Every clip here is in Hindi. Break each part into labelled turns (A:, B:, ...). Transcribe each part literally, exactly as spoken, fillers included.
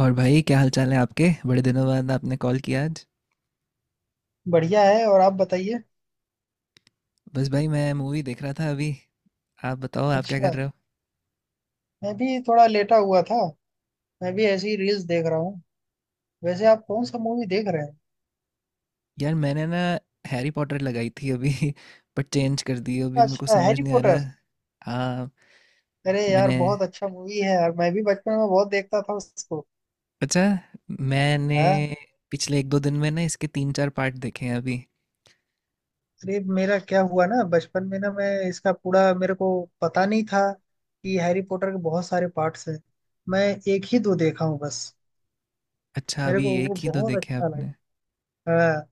A: और भाई क्या हाल चाल है आपके? बड़े दिनों बाद आपने कॉल किया आज।
B: बढ़िया है। और आप बताइए।
A: बस भाई मैं मूवी देख रहा था अभी। आप बताओ आप क्या कर
B: अच्छा।
A: रहे हो?
B: मैं भी थोड़ा लेटा हुआ था। मैं भी ऐसी रील्स देख रहा हूँ। वैसे आप कौन सा मूवी देख रहे हैं?
A: यार मैंने ना हैरी पॉटर लगाई थी अभी बट चेंज कर दी अभी, मेरे को
B: अच्छा,
A: समझ
B: हैरी
A: नहीं आ
B: पॉटर।
A: रहा। हाँ,
B: अरे यार
A: मैंने
B: बहुत अच्छा मूवी है यार, मैं भी बचपन में बहुत देखता था उसको।
A: अच्छा मैंने
B: हाँ।
A: पिछले एक दो दिन में ना इसके तीन चार पार्ट देखे हैं अभी।
B: अरे मेरा क्या हुआ ना, बचपन में ना मैं इसका पूरा, मेरे को पता नहीं था कि हैरी पॉटर के बहुत सारे पार्ट्स हैं। मैं एक ही दो देखा हूँ बस।
A: अच्छा,
B: मेरे
A: अभी
B: को वो
A: एक ही दो
B: बहुत
A: देखे हैं
B: अच्छा
A: आपने?
B: लगा। हाँ,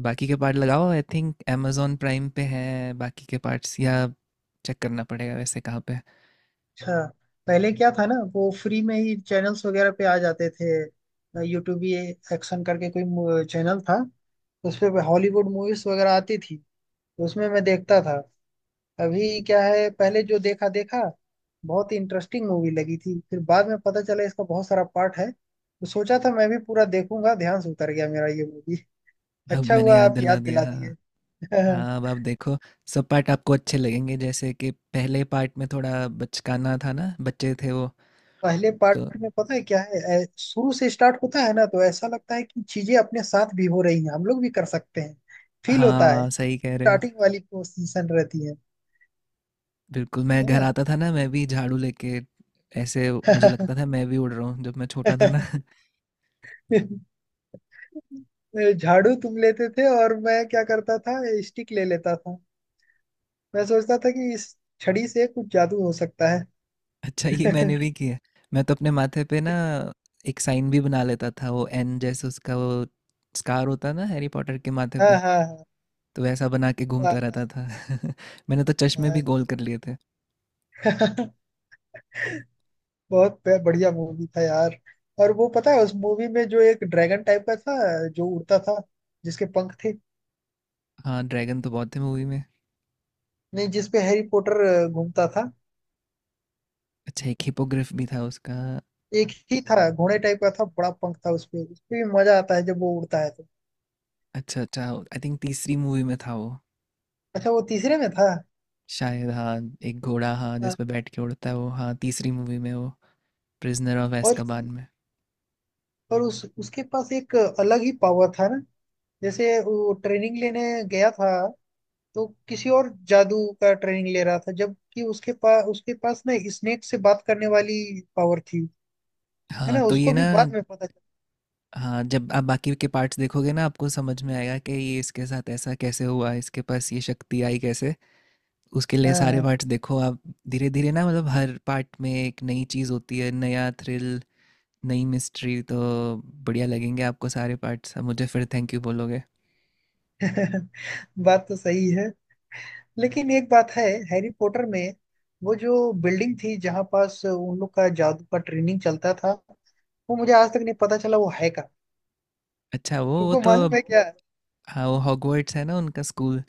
A: बाकी के पार्ट लगाओ, आई थिंक amazon प्राइम पे है बाकी के पार्ट्स, या चेक करना पड़ेगा वैसे कहाँ पे।
B: अच्छा। पहले क्या था ना, वो फ्री में ही चैनल्स वगैरह पे आ जाते थे। यूट्यूब, ये एक्शन करके कोई चैनल था, उस पे हॉलीवुड मूवीज वगैरह आती थी, तो उसमें मैं देखता था। अभी क्या है, पहले जो देखा देखा बहुत इंटरेस्टिंग मूवी लगी थी, फिर बाद में पता चला इसका बहुत सारा पार्ट है, तो सोचा था मैं भी पूरा देखूंगा, ध्यान से उतर गया मेरा ये मूवी।
A: अब
B: अच्छा
A: मैंने
B: हुआ
A: याद
B: आप
A: दिला
B: याद
A: दिया
B: दिला
A: हाँ।
B: दिए।
A: हाँ, अब आप देखो। सब पार्ट आपको अच्छे लगेंगे, जैसे कि पहले पार्ट में थोड़ा बचकाना था ना, बच्चे थे वो
B: पहले
A: तो।
B: पार्ट में पता है क्या है, ऐ- शुरू से स्टार्ट होता है ना, तो ऐसा लगता है कि चीजें अपने साथ भी हो रही हैं, हम लोग भी कर सकते हैं। फील होता है।
A: हाँ सही कह रहे हो।
B: स्टार्टिंग वाली पोजीशन रहती है।
A: बिल्कुल, मैं
B: है
A: घर
B: ना।
A: आता था ना, मैं भी झाड़ू लेके ऐसे, मुझे लगता था मैं भी उड़ रहा हूँ जब मैं छोटा था ना।
B: झाड़ू तुम लेते थे और मैं क्या करता था, स्टिक ले लेता था। मैं सोचता था कि इस छड़ी से कुछ जादू हो सकता
A: अच्छा, ये
B: है।
A: मैंने भी किया। मैं तो अपने माथे पे ना एक साइन भी बना लेता था, वो एन जैसे उसका वो स्कार होता है ना हैरी पॉटर के माथे
B: हाँ
A: पे,
B: हाँ हाँ।
A: तो वैसा बना के घूमता रहता
B: हाँ।
A: था। मैंने तो चश्मे भी
B: हाँ,
A: गोल कर लिए थे।
B: हाँ। बहुत ब- बढ़िया मूवी था यार। और वो पता है उस मूवी में जो एक ड्रैगन टाइप का था, जो उड़ता था, जिसके पंख थे।
A: हाँ, ड्रैगन तो बहुत थे मूवी में।
B: नहीं, जिसपे हैरी पॉटर अ, घूमता था।
A: अच्छा, एक हिपोग्रिफ भी था उसका।
B: एक ही था, घोड़े टाइप का था, बड़ा पंख था उसपे, उसपे भी मजा आता है जब वो उड़ता है तो।
A: अच्छा अच्छा, आई थिंक तीसरी मूवी में था वो,
B: अच्छा, वो तीसरे में था।
A: शायद। हाँ एक घोड़ा, हाँ जिस
B: हाँ,
A: पे बैठ के उड़ता है वो, हाँ तीसरी मूवी में वो, प्रिजनर ऑफ
B: और
A: एस्काबान में।
B: और उस उसके पास एक अलग ही पावर था ना, जैसे वो ट्रेनिंग लेने गया था, तो किसी और जादू का ट्रेनिंग ले रहा था, जबकि उसके पास उसके पास ना स्नेक से बात करने वाली पावर थी। है
A: हाँ
B: ना,
A: तो ये
B: उसको
A: ना,
B: भी बाद में पता चला।
A: हाँ जब आप बाकी के पार्ट्स देखोगे ना आपको समझ में आएगा कि ये इसके साथ ऐसा कैसे हुआ, इसके पास ये शक्ति आई कैसे। उसके लिए सारे
B: हाँ।
A: पार्ट्स देखो आप। धीरे धीरे ना, मतलब हर पार्ट में एक नई चीज़ होती है, नया थ्रिल, नई मिस्ट्री, तो बढ़िया लगेंगे आपको सारे पार्ट्स। मुझे फिर थैंक यू बोलोगे।
B: बात तो सही है। लेकिन एक बात है, हैरी पॉटर में वो जो बिल्डिंग थी, जहाँ पास उन लोग का जादू का ट्रेनिंग चलता था, वो मुझे आज तक नहीं पता चला वो है का।
A: अच्छा वो वो
B: तुमको अच्छा
A: तो,
B: मालूम है क्या?
A: हाँ, वो हॉगवर्ट्स है ना उनका स्कूल।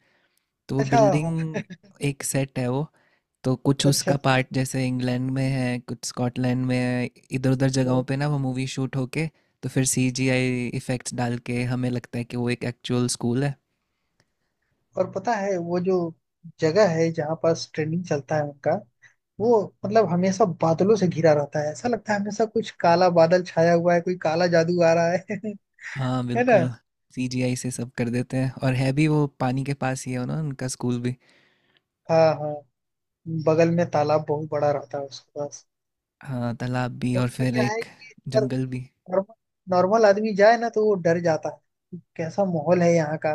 A: तो वो
B: अच्छा।
A: बिल्डिंग, एक सेट है वो, तो कुछ
B: अच्छा अच्छा।
A: उसका पार्ट जैसे इंग्लैंड में है, कुछ स्कॉटलैंड में है, इधर उधर जगहों
B: तो,
A: पे ना वो मूवी शूट होके, तो फिर सीजीआई इफेक्ट्स डाल के हमें लगता है कि वो एक एक्चुअल स्कूल है।
B: और पता है वो जो जगह है जहाँ पास ट्रेनिंग चलता है उनका, वो मतलब हमेशा बादलों से घिरा रहता है, ऐसा लगता है हमेशा कुछ काला बादल छाया हुआ है, कोई काला जादू आ रहा है।
A: हाँ
B: है ना।
A: बिल्कुल, सीजीआई से सब कर देते हैं। और है भी वो पानी के पास ही है ना, उनका स्कूल भी।
B: हाँ हाँ। बगल में तालाब बहुत बड़ा रहता है उसके पास।
A: हाँ तालाब भी
B: थोड़ा
A: और
B: सा
A: फिर
B: क्या है
A: एक
B: कि अगर
A: जंगल भी।
B: नॉर्मल नॉर्मल आदमी जाए ना, तो वो डर जाता है कि कैसा माहौल है यहाँ का।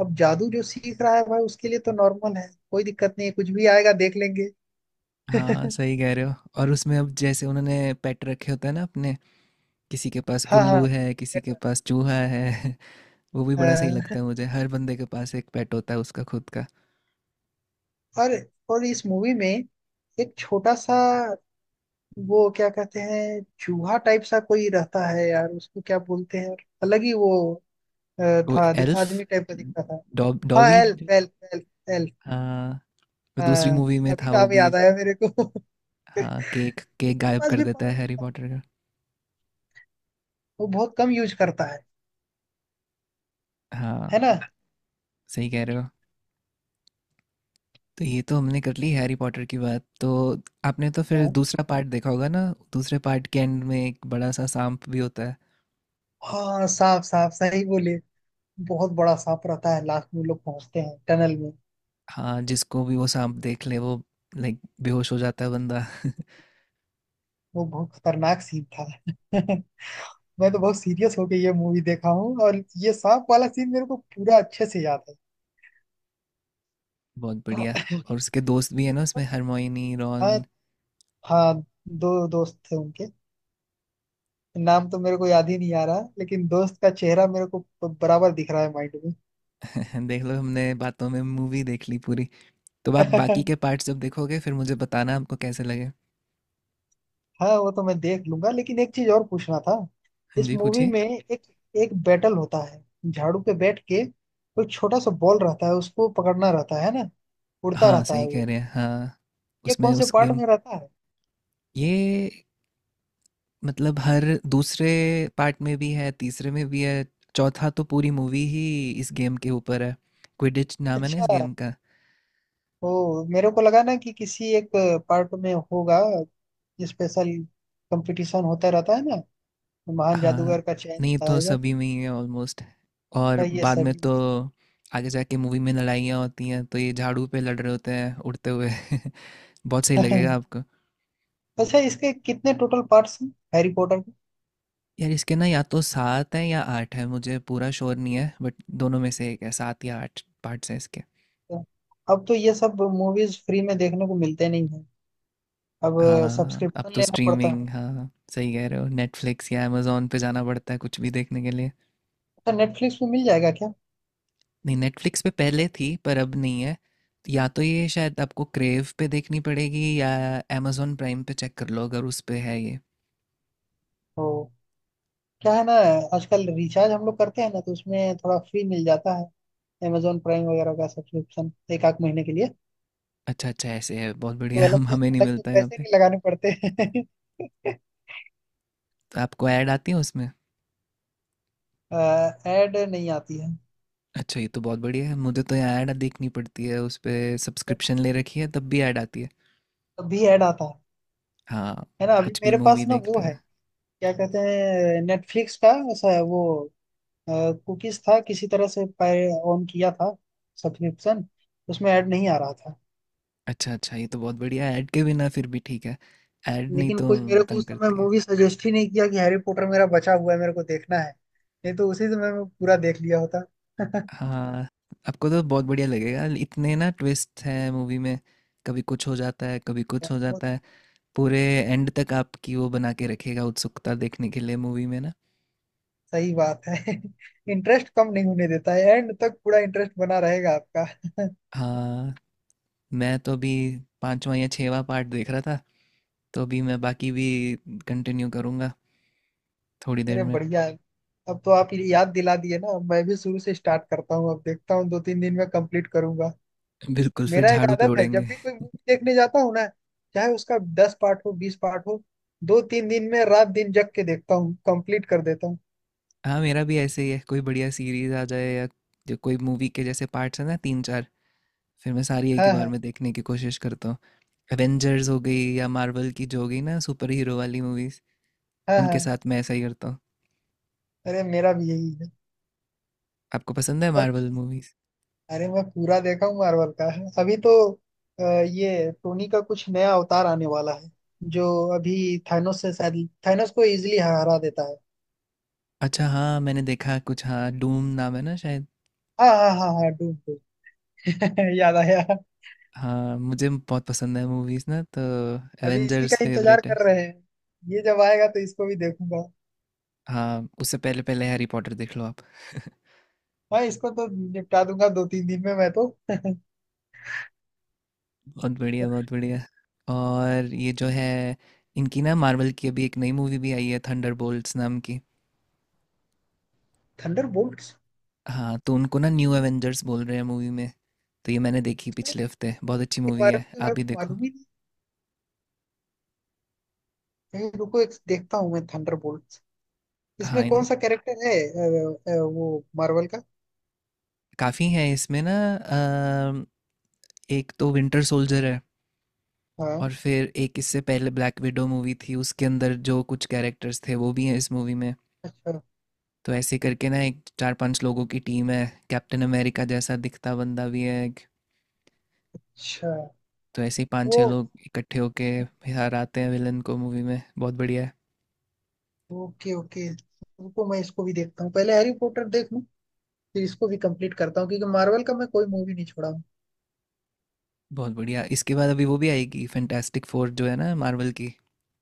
B: अब जादू जो सीख रहा है भाई, उसके लिए तो नॉर्मल है, कोई दिक्कत नहीं है, कुछ भी आएगा देख लेंगे।
A: हाँ सही कह रहे हो। और उसमें अब जैसे उन्होंने पेट रखे होते हैं ना अपने, किसी के पास
B: हाँ। हाँ,
A: उल्लू है, किसी
B: बेटर
A: के
B: है।
A: पास चूहा है। वो भी बड़ा सही
B: अ,
A: लगता है मुझे। हर बंदे के पास एक पेट होता है उसका खुद का।
B: और और इस मूवी में एक छोटा सा, वो क्या कहते हैं, चूहा टाइप सा कोई रहता है यार, उसको क्या बोलते हैं, अलग ही वो अ,
A: वो
B: था, आद-
A: एल्फ,
B: आदमी टाइप का दिखता था।
A: डॉ
B: हाँ
A: डॉबी जो-
B: एल्फ एल्फ एल्फ एल्फ।
A: हाँ, वो दूसरी
B: हाँ,
A: मूवी में
B: अभी
A: था वो
B: नाम
A: भी।
B: याद आया मेरे को।
A: हाँ, केक केक
B: उसके
A: गायब
B: पास
A: कर
B: भी
A: देता है
B: पावर
A: हैरी
B: रहता है,
A: पॉटर का।
B: वो बहुत कम यूज करता है।
A: हाँ,
B: है ना।
A: सही कह रहे हो। तो ये तो हमने कर ली हैरी पॉटर की बात। तो आपने तो फिर
B: हाँ।
A: दूसरा पार्ट देखा होगा ना? दूसरे पार्ट के एंड में एक बड़ा सा सांप भी होता है।
B: हाँ, सांप सांप सही बोले, बहुत बड़ा सांप रहता है, लास्ट में लोग पहुंचते हैं टनल में।
A: हाँ, जिसको भी वो सांप देख ले वो लाइक बेहोश हो जाता है बंदा।
B: वो बहुत खतरनाक सीन था। मैं तो बहुत सीरियस होके ये मूवी देखा हूँ, और ये सांप वाला सीन मेरे को पूरा अच्छे से याद है।
A: बहुत
B: और
A: बढ़िया। और उसके दोस्त भी है ना उसमें, हरमोइनी,
B: हाँ।
A: रॉन।
B: हाँ, दो दोस्त थे उनके, नाम तो मेरे को याद ही नहीं आ रहा, लेकिन दोस्त का चेहरा मेरे को बराबर दिख रहा है माइंड
A: देख लो हमने बातों में मूवी देख ली पूरी। तो आप बाकी
B: में।
A: के पार्ट्स जब देखोगे फिर मुझे बताना आपको कैसे लगे।
B: हाँ, वो तो मैं देख लूंगा, लेकिन एक चीज और पूछना था।
A: हाँ
B: इस
A: जी
B: मूवी
A: पूछिए।
B: में एक एक बैटल होता है, झाड़ू पे बैठ के, कोई छोटा सा बॉल रहता है उसको पकड़ना रहता है ना, उड़ता
A: हाँ
B: रहता
A: सही
B: है वो,
A: कह रहे हैं हाँ।
B: ये
A: उसमें
B: कौन से
A: उस
B: पार्ट
A: गेम,
B: में रहता है?
A: ये मतलब हर दूसरे पार्ट में भी है, तीसरे में भी है, चौथा तो पूरी मूवी ही इस गेम के ऊपर है। क्विडिच नाम है ना इस
B: अच्छा।
A: गेम का।
B: ओ, मेरे को लगा ना कि किसी एक पार्ट में होगा स्पेशल, कंपटीशन होता रहता है ना, महान
A: हाँ,
B: जादूगर का चयन
A: नहीं
B: होता
A: तो
B: है जब।
A: सभी में ही है ऑलमोस्ट।
B: तो
A: और
B: ये
A: बाद में
B: सभी
A: तो आगे जाके मूवी में लड़ाइयाँ होती हैं तो ये झाड़ू पे लड़ रहे होते हैं उड़ते हुए। बहुत सही लगेगा
B: में।
A: आपको।
B: अच्छा, इसके कितने टोटल पार्ट्स हैं, हैरी पॉटर के?
A: यार इसके ना या तो सात है या आठ है, मुझे पूरा श्योर नहीं है, बट दोनों में से एक है, सात या आठ पार्ट्स हैं इसके।
B: अब तो ये सब मूवीज फ्री में देखने को मिलते नहीं है। अब
A: हाँ अब
B: सब्सक्रिप्शन
A: तो
B: लेना पड़ता
A: स्ट्रीमिंग,
B: है।
A: हाँ सही कह रहे हो, नेटफ्लिक्स या अमेजोन पे जाना पड़ता है कुछ भी देखने के लिए।
B: अच्छा, नेटफ्लिक्स में मिल जाएगा क्या?
A: नहीं, नेटफ्लिक्स पे पहले थी पर अब नहीं है। या तो ये शायद आपको क्रेव पे देखनी पड़ेगी या amazon प्राइम पे चेक कर लो, अगर उस पे है ये।
B: तो क्या है ना, आजकल रिचार्ज हम लोग करते हैं ना, तो उसमें थोड़ा फ्री मिल जाता है। amazon प्राइम वगैरह का सब्सक्रिप्शन एक आध महीने के लिए,
A: अच्छा अच्छा, ऐसे है, बहुत बढ़िया।
B: तो अलग
A: हम
B: से
A: हमें नहीं
B: अलग से
A: मिलता यहाँ
B: पैसे
A: पे।
B: नहीं लगाने पड़ते हैं।
A: तो आपको ऐड आती है उसमें?
B: ऐड नहीं आती है।
A: अच्छा ये तो बहुत बढ़िया है। मुझे तो यहाँ ऐड देखनी पड़ती है उस पे, सब्सक्रिप्शन ले रखी है तब भी ऐड आती है।
B: अभी ऐड आता है
A: हाँ,
B: है ना। अभी
A: कुछ भी
B: मेरे पास
A: मूवी
B: ना वो
A: देखते हुए।
B: है, क्या कहते हैं, नेटफ्लिक्स का ऐसा है वो, कुकीज था किसी तरह से ऑन किया था सब्सक्रिप्शन, उसमें ऐड नहीं आ रहा था।
A: अच्छा अच्छा, ये तो बहुत बढ़िया है। ऐड के बिना फिर भी ठीक है। ऐड नहीं
B: लेकिन
A: तो
B: कोई मेरे को
A: तंग
B: उस समय
A: करती है।
B: मूवी सजेस्ट ही नहीं किया कि हैरी पॉटर मेरा बचा हुआ है, मेरे को देखना है, नहीं तो उसी समय मैं पूरा देख लिया होता।
A: हाँ, आपको तो बहुत बढ़िया लगेगा, इतने ना ट्विस्ट हैं मूवी में, कभी कुछ हो जाता है कभी कुछ हो
B: बहुत
A: जाता है, पूरे एंड तक आपकी वो बना के रखेगा उत्सुकता देखने के लिए मूवी में ना।
B: सही बात है। इंटरेस्ट कम नहीं होने देता है, एंड तक पूरा इंटरेस्ट बना रहेगा आपका।
A: हाँ, मैं तो अभी पांचवा या छठवां पार्ट देख रहा था, तो अभी मैं बाकी भी कंटिन्यू करूँगा थोड़ी देर
B: अरे
A: में।
B: बढ़िया है। अब तो आप ये याद दिला दिए ना, अब मैं भी शुरू से स्टार्ट करता हूँ, अब देखता हूँ, दो तीन दिन में कंप्लीट करूंगा।
A: बिल्कुल फिर
B: मेरा एक
A: झाड़ू पे
B: आदत है,
A: उड़ेंगे।
B: जब भी कोई मूवी देखने जाता हूँ ना, चाहे उसका दस पार्ट हो बीस पार्ट हो, दो तीन दिन में रात दिन जग के देखता हूँ कंप्लीट कर देता हूँ।
A: हाँ मेरा भी ऐसे ही है, कोई बढ़िया सीरीज आ जाए या जो कोई मूवी के जैसे पार्ट्स हैं ना तीन चार, फिर मैं सारी एक ही
B: हाँ
A: बार
B: हाँ।
A: में देखने की कोशिश करता हूँ। एवेंजर्स हो गई या मार्वल की जो हो गई ना सुपर हीरो वाली मूवीज,
B: हाँ
A: उनके
B: हाँ।
A: साथ मैं ऐसा ही करता हूँ।
B: अरे मेरा भी यही है।
A: आपको पसंद है
B: और
A: मार्वल मूवीज?
B: अरे मैं पूरा देखा हूँ मार्वल का। अभी तो अ, ये टोनी का कुछ नया अवतार आने वाला है जो, अभी थानोस से, शायद थानोस को इजिली हरा देता है।
A: अच्छा हाँ, मैंने देखा कुछ, हाँ डूम नाम है ना शायद।
B: हाँ हाँ हाँ हाँ, डूम डूम। याद आया।
A: हाँ मुझे बहुत पसंद है मूवीज ना, तो
B: अभी इसी का
A: एवेंजर्स
B: इंतजार
A: फेवरेट है।
B: कर रहे हैं, ये जब आएगा तो इसको भी देखूंगा।
A: हाँ उससे पहले पहले हैरी पॉटर देख लो आप।
B: हाँ, इसको तो निपटा दूंगा दो तीन दिन में मैं तो।
A: बहुत बढ़िया बहुत बढ़िया। और ये जो है इनकी ना मार्वल की, अभी एक नई मूवी भी आई है थंडरबोल्ट्स नाम की।
B: थंडर के
A: हाँ तो उनको ना न्यू एवेंजर्स बोल रहे हैं मूवी में। तो ये मैंने देखी पिछले हफ्ते, बहुत अच्छी मूवी
B: बारे में
A: है,
B: तो
A: आप
B: मेरे
A: भी
B: को
A: देखो।
B: मालूम ही नहीं है। रुको, एक देखता हूँ मैं, थंडर
A: हाँ
B: इसमें कौन
A: इन
B: सा कैरेक्टर है, अ, अ, वो मार्वल का।
A: काफ़ी हैं इसमें ना, अम, एक तो विंटर सोल्जर है,
B: हाँ।
A: और फिर एक इससे पहले ब्लैक विडो मूवी थी उसके अंदर जो कुछ कैरेक्टर्स थे वो भी हैं इस मूवी में।
B: अच्छा।
A: तो ऐसे करके ना एक चार पांच लोगों की टीम है, कैप्टन अमेरिका जैसा दिखता बंदा भी है एक।
B: अच्छा
A: तो ऐसे ही पांच
B: वो।
A: छह लोग इकट्ठे होके हराते हैं विलन को मूवी में, बहुत बढ़िया है।
B: ओके ओके, रुको मैं इसको भी देखता हूँ, पहले हैरी पॉटर देख लूँ, फिर इसको भी कंप्लीट करता हूँ, क्योंकि मार्वल का मैं कोई मूवी नहीं छोड़ा हूँ।
A: बहुत बढ़िया, इसके बाद अभी वो भी आएगी फैंटास्टिक फोर जो है ना मार्वल की,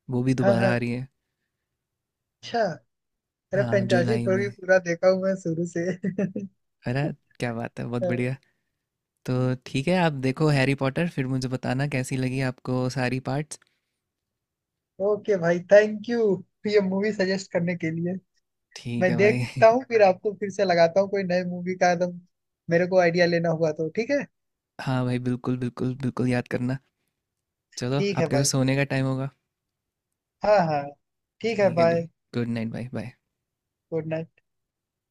A: वो भी
B: हाँ हाँ।
A: दोबारा आ रही है।
B: अच्छा। अरे
A: हाँ
B: फैंटास्टिक
A: जुलाई
B: फोर
A: में।
B: भी पूरा देखा हूँ मैं शुरू से।
A: अरे क्या बात है, बहुत बढ़िया। तो ठीक है आप देखो हैरी पॉटर, फिर मुझे बताना कैसी लगी आपको सारी पार्ट्स।
B: ओके भाई थैंक यू, ये मूवी सजेस्ट करने के लिए।
A: ठीक
B: मैं
A: है भाई।
B: देखता हूँ, फिर आपको फिर से लगाता हूँ, कोई नई मूवी का एकदम मेरे को आइडिया लेना हुआ तो ठीक है।
A: हाँ भाई बिल्कुल बिल्कुल बिल्कुल, याद करना। चलो
B: ठीक है
A: आपके तो
B: भाई।
A: सोने का टाइम होगा।
B: हाँ हाँ। ठीक है
A: ठीक है जी,
B: बाय।
A: गुड नाइट भाई बाय।
B: Good night.